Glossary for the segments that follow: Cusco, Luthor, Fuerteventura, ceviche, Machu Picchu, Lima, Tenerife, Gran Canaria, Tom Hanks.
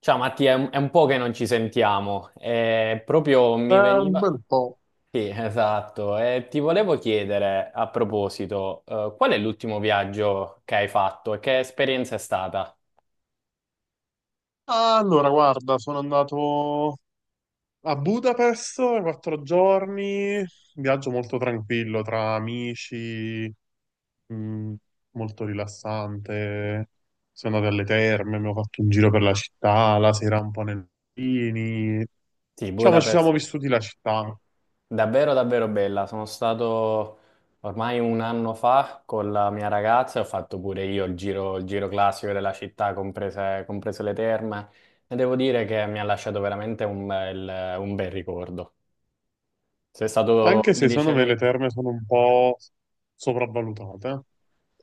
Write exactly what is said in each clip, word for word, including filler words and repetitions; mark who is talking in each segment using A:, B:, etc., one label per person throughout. A: Ciao Mattia, è un, è un po' che non ci sentiamo. Eh, proprio mi
B: Eh, un
A: veniva...
B: bel po'.
A: Sì, esatto. E ti volevo chiedere, a proposito, eh, qual è l'ultimo viaggio che hai fatto e che esperienza è stata?
B: Allora, guarda, sono andato a Budapest quattro giorni, viaggio molto tranquillo tra amici, mh, molto rilassante. Sono andato alle terme, mi ho fatto un giro per la città, la sera un po' nei lini.
A: Sì,
B: Diciamo, ci siamo
A: Budapest.
B: vissuti la città,
A: Davvero, davvero bella. Sono stato ormai un anno fa con la mia ragazza e ho fatto pure io il giro, il giro classico della città, comprese, comprese le terme. E devo dire che mi ha lasciato veramente un bel, un bel ricordo. Sei stato,
B: anche
A: mi
B: se secondo me le
A: dicevi?
B: terme sono un po' sopravvalutate.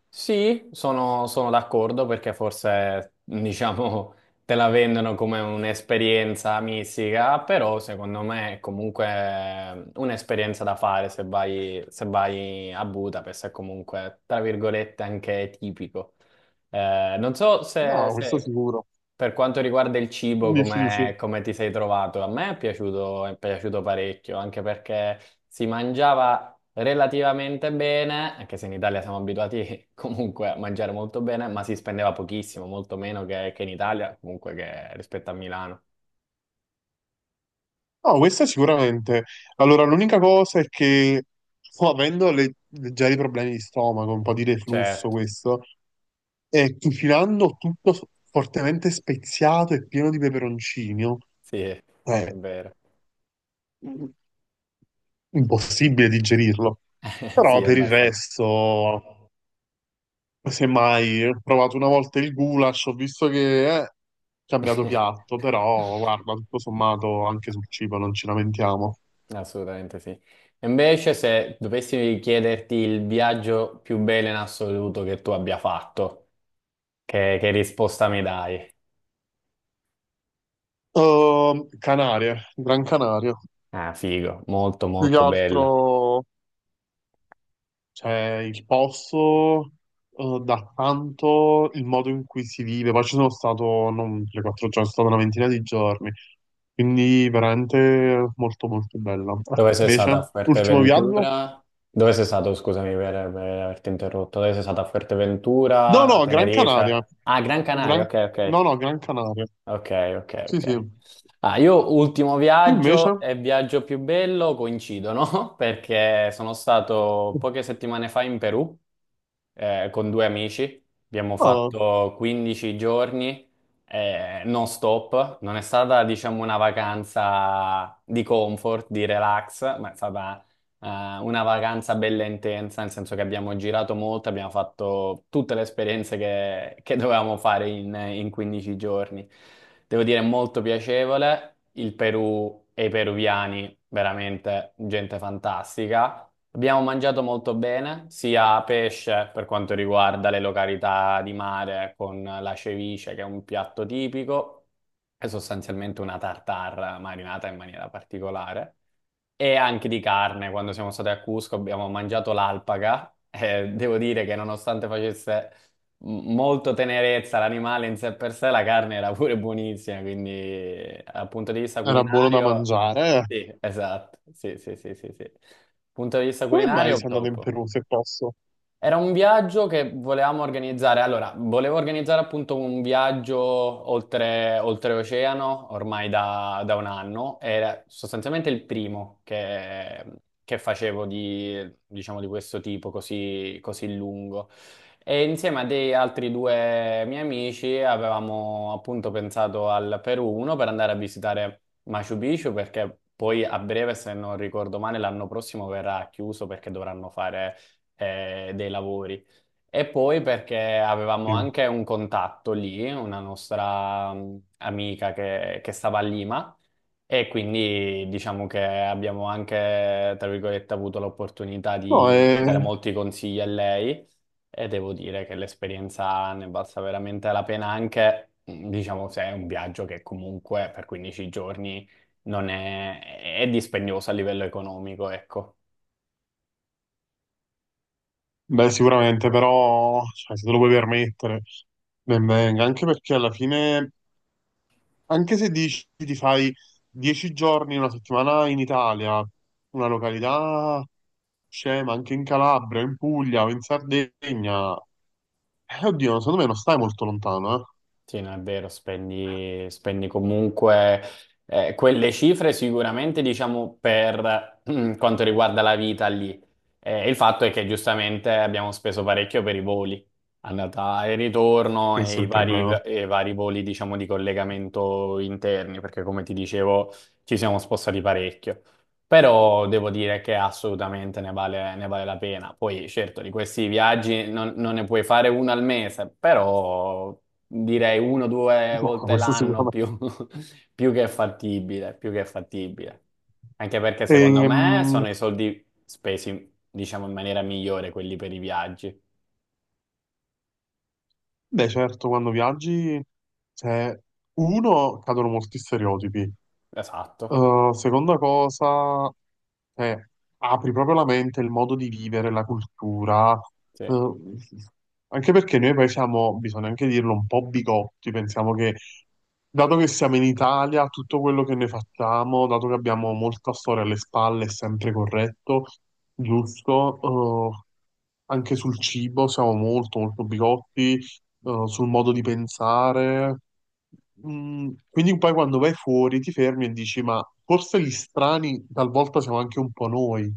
A: Sì, sono, sono d'accordo perché forse, diciamo, te la vendono come un'esperienza mistica, però secondo me è comunque un'esperienza da fare se vai, se vai a Budapest, è comunque, tra virgolette, anche tipico. Eh, non so se,
B: No, questo
A: se-
B: sicuro.
A: per quanto riguarda il cibo,
B: quindici.
A: come, come ti sei trovato? A me è piaciuto, è piaciuto parecchio, anche perché si mangiava relativamente bene, anche se in Italia siamo abituati comunque a mangiare molto bene, ma si spendeva pochissimo, molto meno che, che in Italia, comunque che rispetto a Milano.
B: No, questa sicuramente. Allora, l'unica cosa è che sto avendo le- leggeri problemi di stomaco, un po' di reflusso
A: Certo,
B: questo, e cucinando tutto s- fortemente speziato e pieno di peperoncino,
A: sì, è
B: è
A: vero.
B: impossibile digerirlo.
A: Sì,
B: Però
A: è
B: per il
A: abbastanza.
B: resto, semmai, ho provato una volta il goulash, ho visto che è cambiato piatto, però guarda, tutto sommato anche sul cibo non ci lamentiamo.
A: Assolutamente sì. Invece, se dovessi chiederti il viaggio più bello in assoluto che tu abbia fatto. Che, che risposta mi dai?
B: Ehm, Canarie, Gran Canaria.
A: Ah, figo, molto
B: Più che
A: molto bello.
B: altro c'è il posto, eh, da tanto il modo in cui si vive. Poi ci sono stato non tre quattro giorni, sono stato una ventina di giorni. Quindi veramente molto molto bella. Ah,
A: Dove sei stata a
B: invece, ultimo viaggio?
A: Fuerteventura? Dove sei stato, scusami per, per averti interrotto, dove sei stata a
B: No,
A: Fuerteventura, a
B: no, Gran Canaria.
A: Tenerife? Ah, Gran Canaria,
B: Gran-
A: ok,
B: No,
A: ok.
B: no, Gran Canaria.
A: Ok, ok,
B: Sì, sì.
A: ok. Ah, io ultimo
B: Tu invece?
A: viaggio e viaggio più bello coincidono perché sono stato poche settimane fa in Perù eh, con due amici. Abbiamo
B: Oh,
A: fatto quindici giorni eh, non stop. Non è stata, diciamo, una vacanza di comfort, di relax, ma è stata eh, una vacanza bella intensa, nel senso che abbiamo girato molto, abbiamo fatto tutte le esperienze che, che dovevamo fare in, in quindici giorni. Devo dire, molto piacevole. Il Perù e i peruviani, veramente gente fantastica. Abbiamo mangiato molto bene, sia pesce per quanto riguarda le località di mare con la ceviche, che è un piatto tipico, è sostanzialmente una tartar marinata in maniera particolare e anche di carne, quando siamo stati a Cusco abbiamo mangiato l'alpaca e devo dire che nonostante facesse m- molto tenerezza l'animale in sé per sé, la carne era pure buonissima, quindi dal punto di vista
B: era buono da
A: culinario,
B: mangiare.
A: sì, esatto, sì, sì, sì, sì, sì. Punto di vista
B: Come mai
A: culinario,
B: sei andato in
A: top.
B: Perù se posso?
A: Era un viaggio che volevamo organizzare. Allora, volevo organizzare appunto un viaggio oltre, oltreoceano ormai da, da un anno. Era sostanzialmente il primo che, che facevo di, diciamo, di questo tipo così, così lungo. E insieme a degli altri due miei amici avevamo appunto pensato al Perù, uno per andare a visitare Machu Picchu, perché poi a breve, se non ricordo male, l'anno prossimo verrà chiuso perché dovranno fare eh, dei lavori. E poi perché avevamo
B: Sì.
A: anche un contatto lì, una nostra mh, amica che, che stava a Lima e quindi diciamo che abbiamo anche, tra virgolette, avuto l'opportunità
B: No,
A: di
B: è.
A: chiedere molti consigli a lei e devo dire che l'esperienza ne è valsa veramente la pena anche, mh, diciamo, se è un viaggio che comunque per quindici giorni non è, è dispendioso a livello economico, ecco.
B: Beh, sicuramente, però cioè, se te lo puoi permettere, ben venga, anche perché alla fine, anche se dici ti fai dieci giorni, una settimana in Italia, una località scema, anche in Calabria, in Puglia o in Sardegna, eh, oddio, secondo me non stai molto lontano, eh.
A: Sì, no, è vero, spendi, spendi comunque eh, quelle cifre sicuramente, diciamo, per mm, quanto riguarda la vita lì. Eh, il fatto è che giustamente abbiamo speso parecchio per i voli, andata e ritorno
B: Questo
A: e
B: è
A: i
B: il
A: vari,
B: problema.
A: e i vari voli, diciamo, di collegamento interni, perché come ti dicevo ci siamo spostati parecchio. Però devo dire che assolutamente ne vale, ne vale la pena. Poi, certo, di questi viaggi non, non ne puoi fare uno al mese, però direi uno o due
B: No,
A: volte
B: questo
A: l'anno
B: sicuramente.
A: più, più che fattibile, più che fattibile. Anche perché secondo me
B: Ehm,
A: sono i soldi spesi, diciamo, in maniera migliore quelli per i viaggi.
B: Beh, certo, quando viaggi, cioè, uno, cadono molti stereotipi.
A: Esatto,
B: Uh, seconda cosa, eh, apri proprio la mente, il modo di vivere, la cultura,
A: sì.
B: uh, anche perché noi poi siamo, bisogna anche dirlo, un po' bigotti, pensiamo che dato che siamo in Italia, tutto quello che noi facciamo, dato che abbiamo molta storia alle spalle, è sempre corretto, giusto, uh, anche sul cibo siamo molto molto bigotti, eh, sul modo di pensare. Mm, quindi poi quando vai fuori ti fermi e dici, ma forse gli strani talvolta siamo anche un po' noi.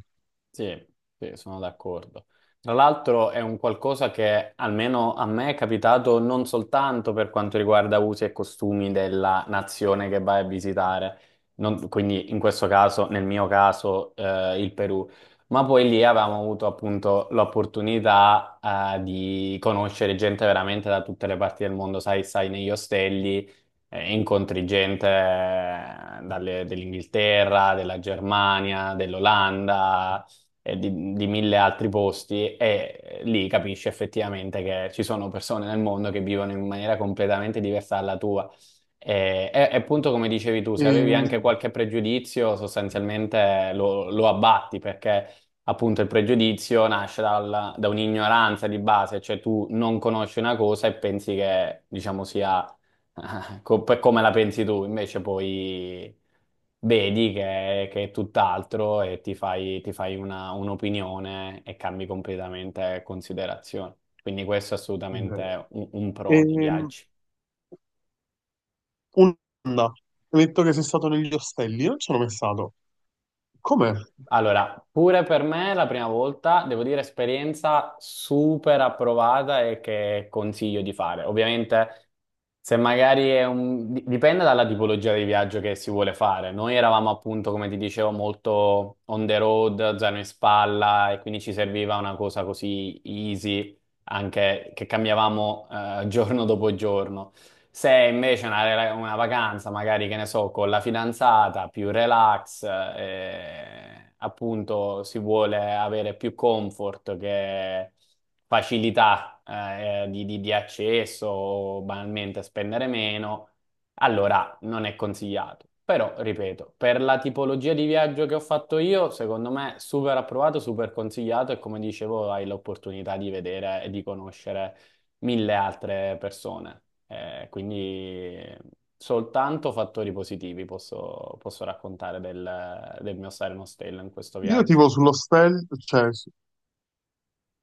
A: Sì, sì, sono d'accordo. Tra l'altro è un qualcosa che almeno a me è capitato non soltanto per quanto riguarda usi e costumi della nazione che vai a visitare, non- quindi in questo caso, nel mio caso, eh, il Perù, ma poi lì avevamo avuto appunto l'opportunità, eh, di conoscere gente veramente da tutte le parti del mondo, sai, sai, negli ostelli eh, incontri gente eh, dalle- dell'Inghilterra, della Germania, dell'Olanda, e di, di mille altri posti e lì capisci effettivamente che ci sono persone nel mondo che vivono in maniera completamente diversa dalla tua. E, e- e appunto come dicevi tu, se avevi anche
B: E,
A: qualche pregiudizio, sostanzialmente lo, lo abbatti perché appunto il pregiudizio nasce dal- da un'ignoranza di base, cioè tu non conosci una cosa e pensi che, diciamo, sia co- per come la pensi tu, invece poi vedi che, che è tutt'altro e ti fai, ti fai una- un'opinione e cambi completamente considerazione. Quindi questo è assolutamente un, un pro
B: e,
A: dei viaggi.
B: un'anda, hai detto che sei stato negli ostelli, io non ci sono mai stato. Com'è?
A: Allora, pure per me la prima volta, devo dire, esperienza super approvata e che consiglio di fare. Ovviamente, se magari è un... di- dipende dalla tipologia di viaggio che si vuole fare. Noi eravamo appunto, come ti dicevo, molto on the road, zaino in spalla, e quindi ci serviva una cosa così easy anche che cambiavamo eh, giorno dopo giorno. Se invece una, rela- una vacanza, magari che ne so, con la fidanzata, più relax, eh, appunto si vuole avere più comfort che facilità eh, di, di- di accesso, o banalmente spendere meno. Allora, non è consigliato, però ripeto, per la tipologia di viaggio che ho fatto io, secondo me super approvato, super consigliato e come dicevo hai l'opportunità di vedere e di conoscere mille altre persone. Eh, quindi soltanto fattori positivi posso, posso raccontare del, del mio Silent Tale in questo
B: Io
A: viaggio.
B: tipo sull'ostello, cioè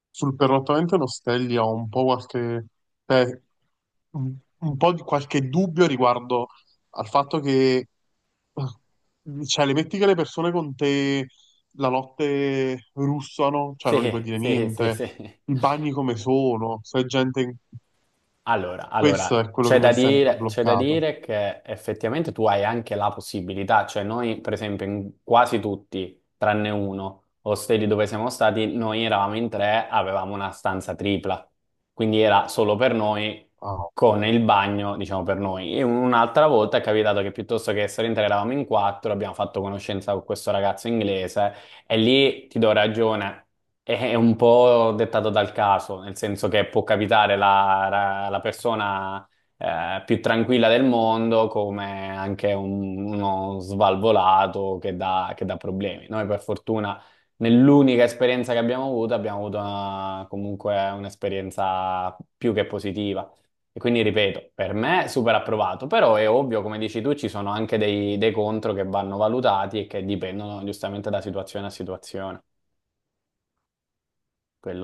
B: sul perlottamento lo Stelli ho un po' qualche, eh, un un po' di qualche dubbio riguardo al fatto che eh, cioè, le metti che le persone con te la notte russano, cioè non gli puoi
A: Sì,
B: dire
A: sì, sì,
B: niente,
A: sì.
B: i bagni come sono, se è gente... in-
A: Allora,
B: Questo
A: allora,
B: è quello che
A: c'è
B: mi
A: da
B: ha sempre
A: dire, c'è da
B: bloccato.
A: dire che effettivamente tu hai anche la possibilità, cioè noi per esempio in quasi tutti, tranne uno, ostelli dove siamo stati, noi eravamo in tre, avevamo una stanza tripla, quindi era solo per noi,
B: Ah, ok.
A: con il bagno, diciamo per noi. E un'altra volta è capitato che piuttosto che essere in tre eravamo in quattro, abbiamo fatto conoscenza con questo ragazzo inglese e lì ti do ragione, è un po' dettato dal caso, nel senso che può capitare la, la- la persona eh, più tranquilla del mondo come anche un- uno svalvolato che dà, che dà problemi. Noi per fortuna nell'unica esperienza che abbiamo avuto abbiamo avuto una- comunque un'esperienza più che positiva. E quindi ripeto, per me super approvato, però è ovvio, come dici tu, ci sono anche dei, dei contro che vanno valutati e che dipendono giustamente da situazione a situazione.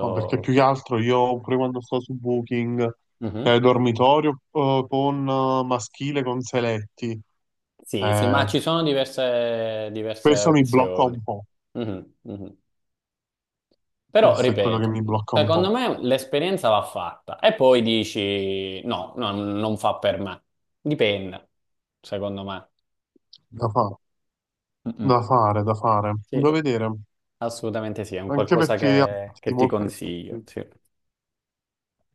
B: No, perché più che altro io, pure quando sto su Booking, eh,
A: Mhm.
B: dormitorio eh, con eh, maschile con seletti.
A: Sì, sì, ma
B: Eh,
A: ci sono diverse, diverse
B: Questo mi blocca
A: opzioni.
B: un po',
A: Mhm, mhm. Però,
B: questo è quello che
A: ripeto,
B: mi blocca un
A: secondo
B: po',
A: me l'esperienza va fatta e poi dici no, no, non fa per me. Dipende, secondo me.
B: da fa-
A: Mm,
B: da
A: mm.
B: fare, da fare, da
A: Sì,
B: vedere,
A: assolutamente sì, è un
B: anche
A: qualcosa
B: perché ha
A: che,
B: di
A: che ti
B: molte
A: consiglio,
B: cose.
A: sì.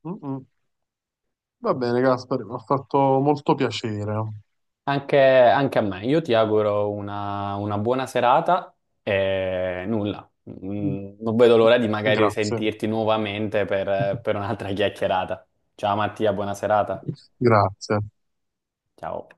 B: Mm-mm. Va bene, Gaspari, mi ha fatto molto piacere.
A: Anche, anche a me. Io ti auguro una, una buona serata e nulla. Mm, Non vedo l'ora di magari
B: Grazie,
A: sentirti nuovamente per per un'altra chiacchierata. Ciao Mattia, buona serata.
B: grazie.
A: Ciao.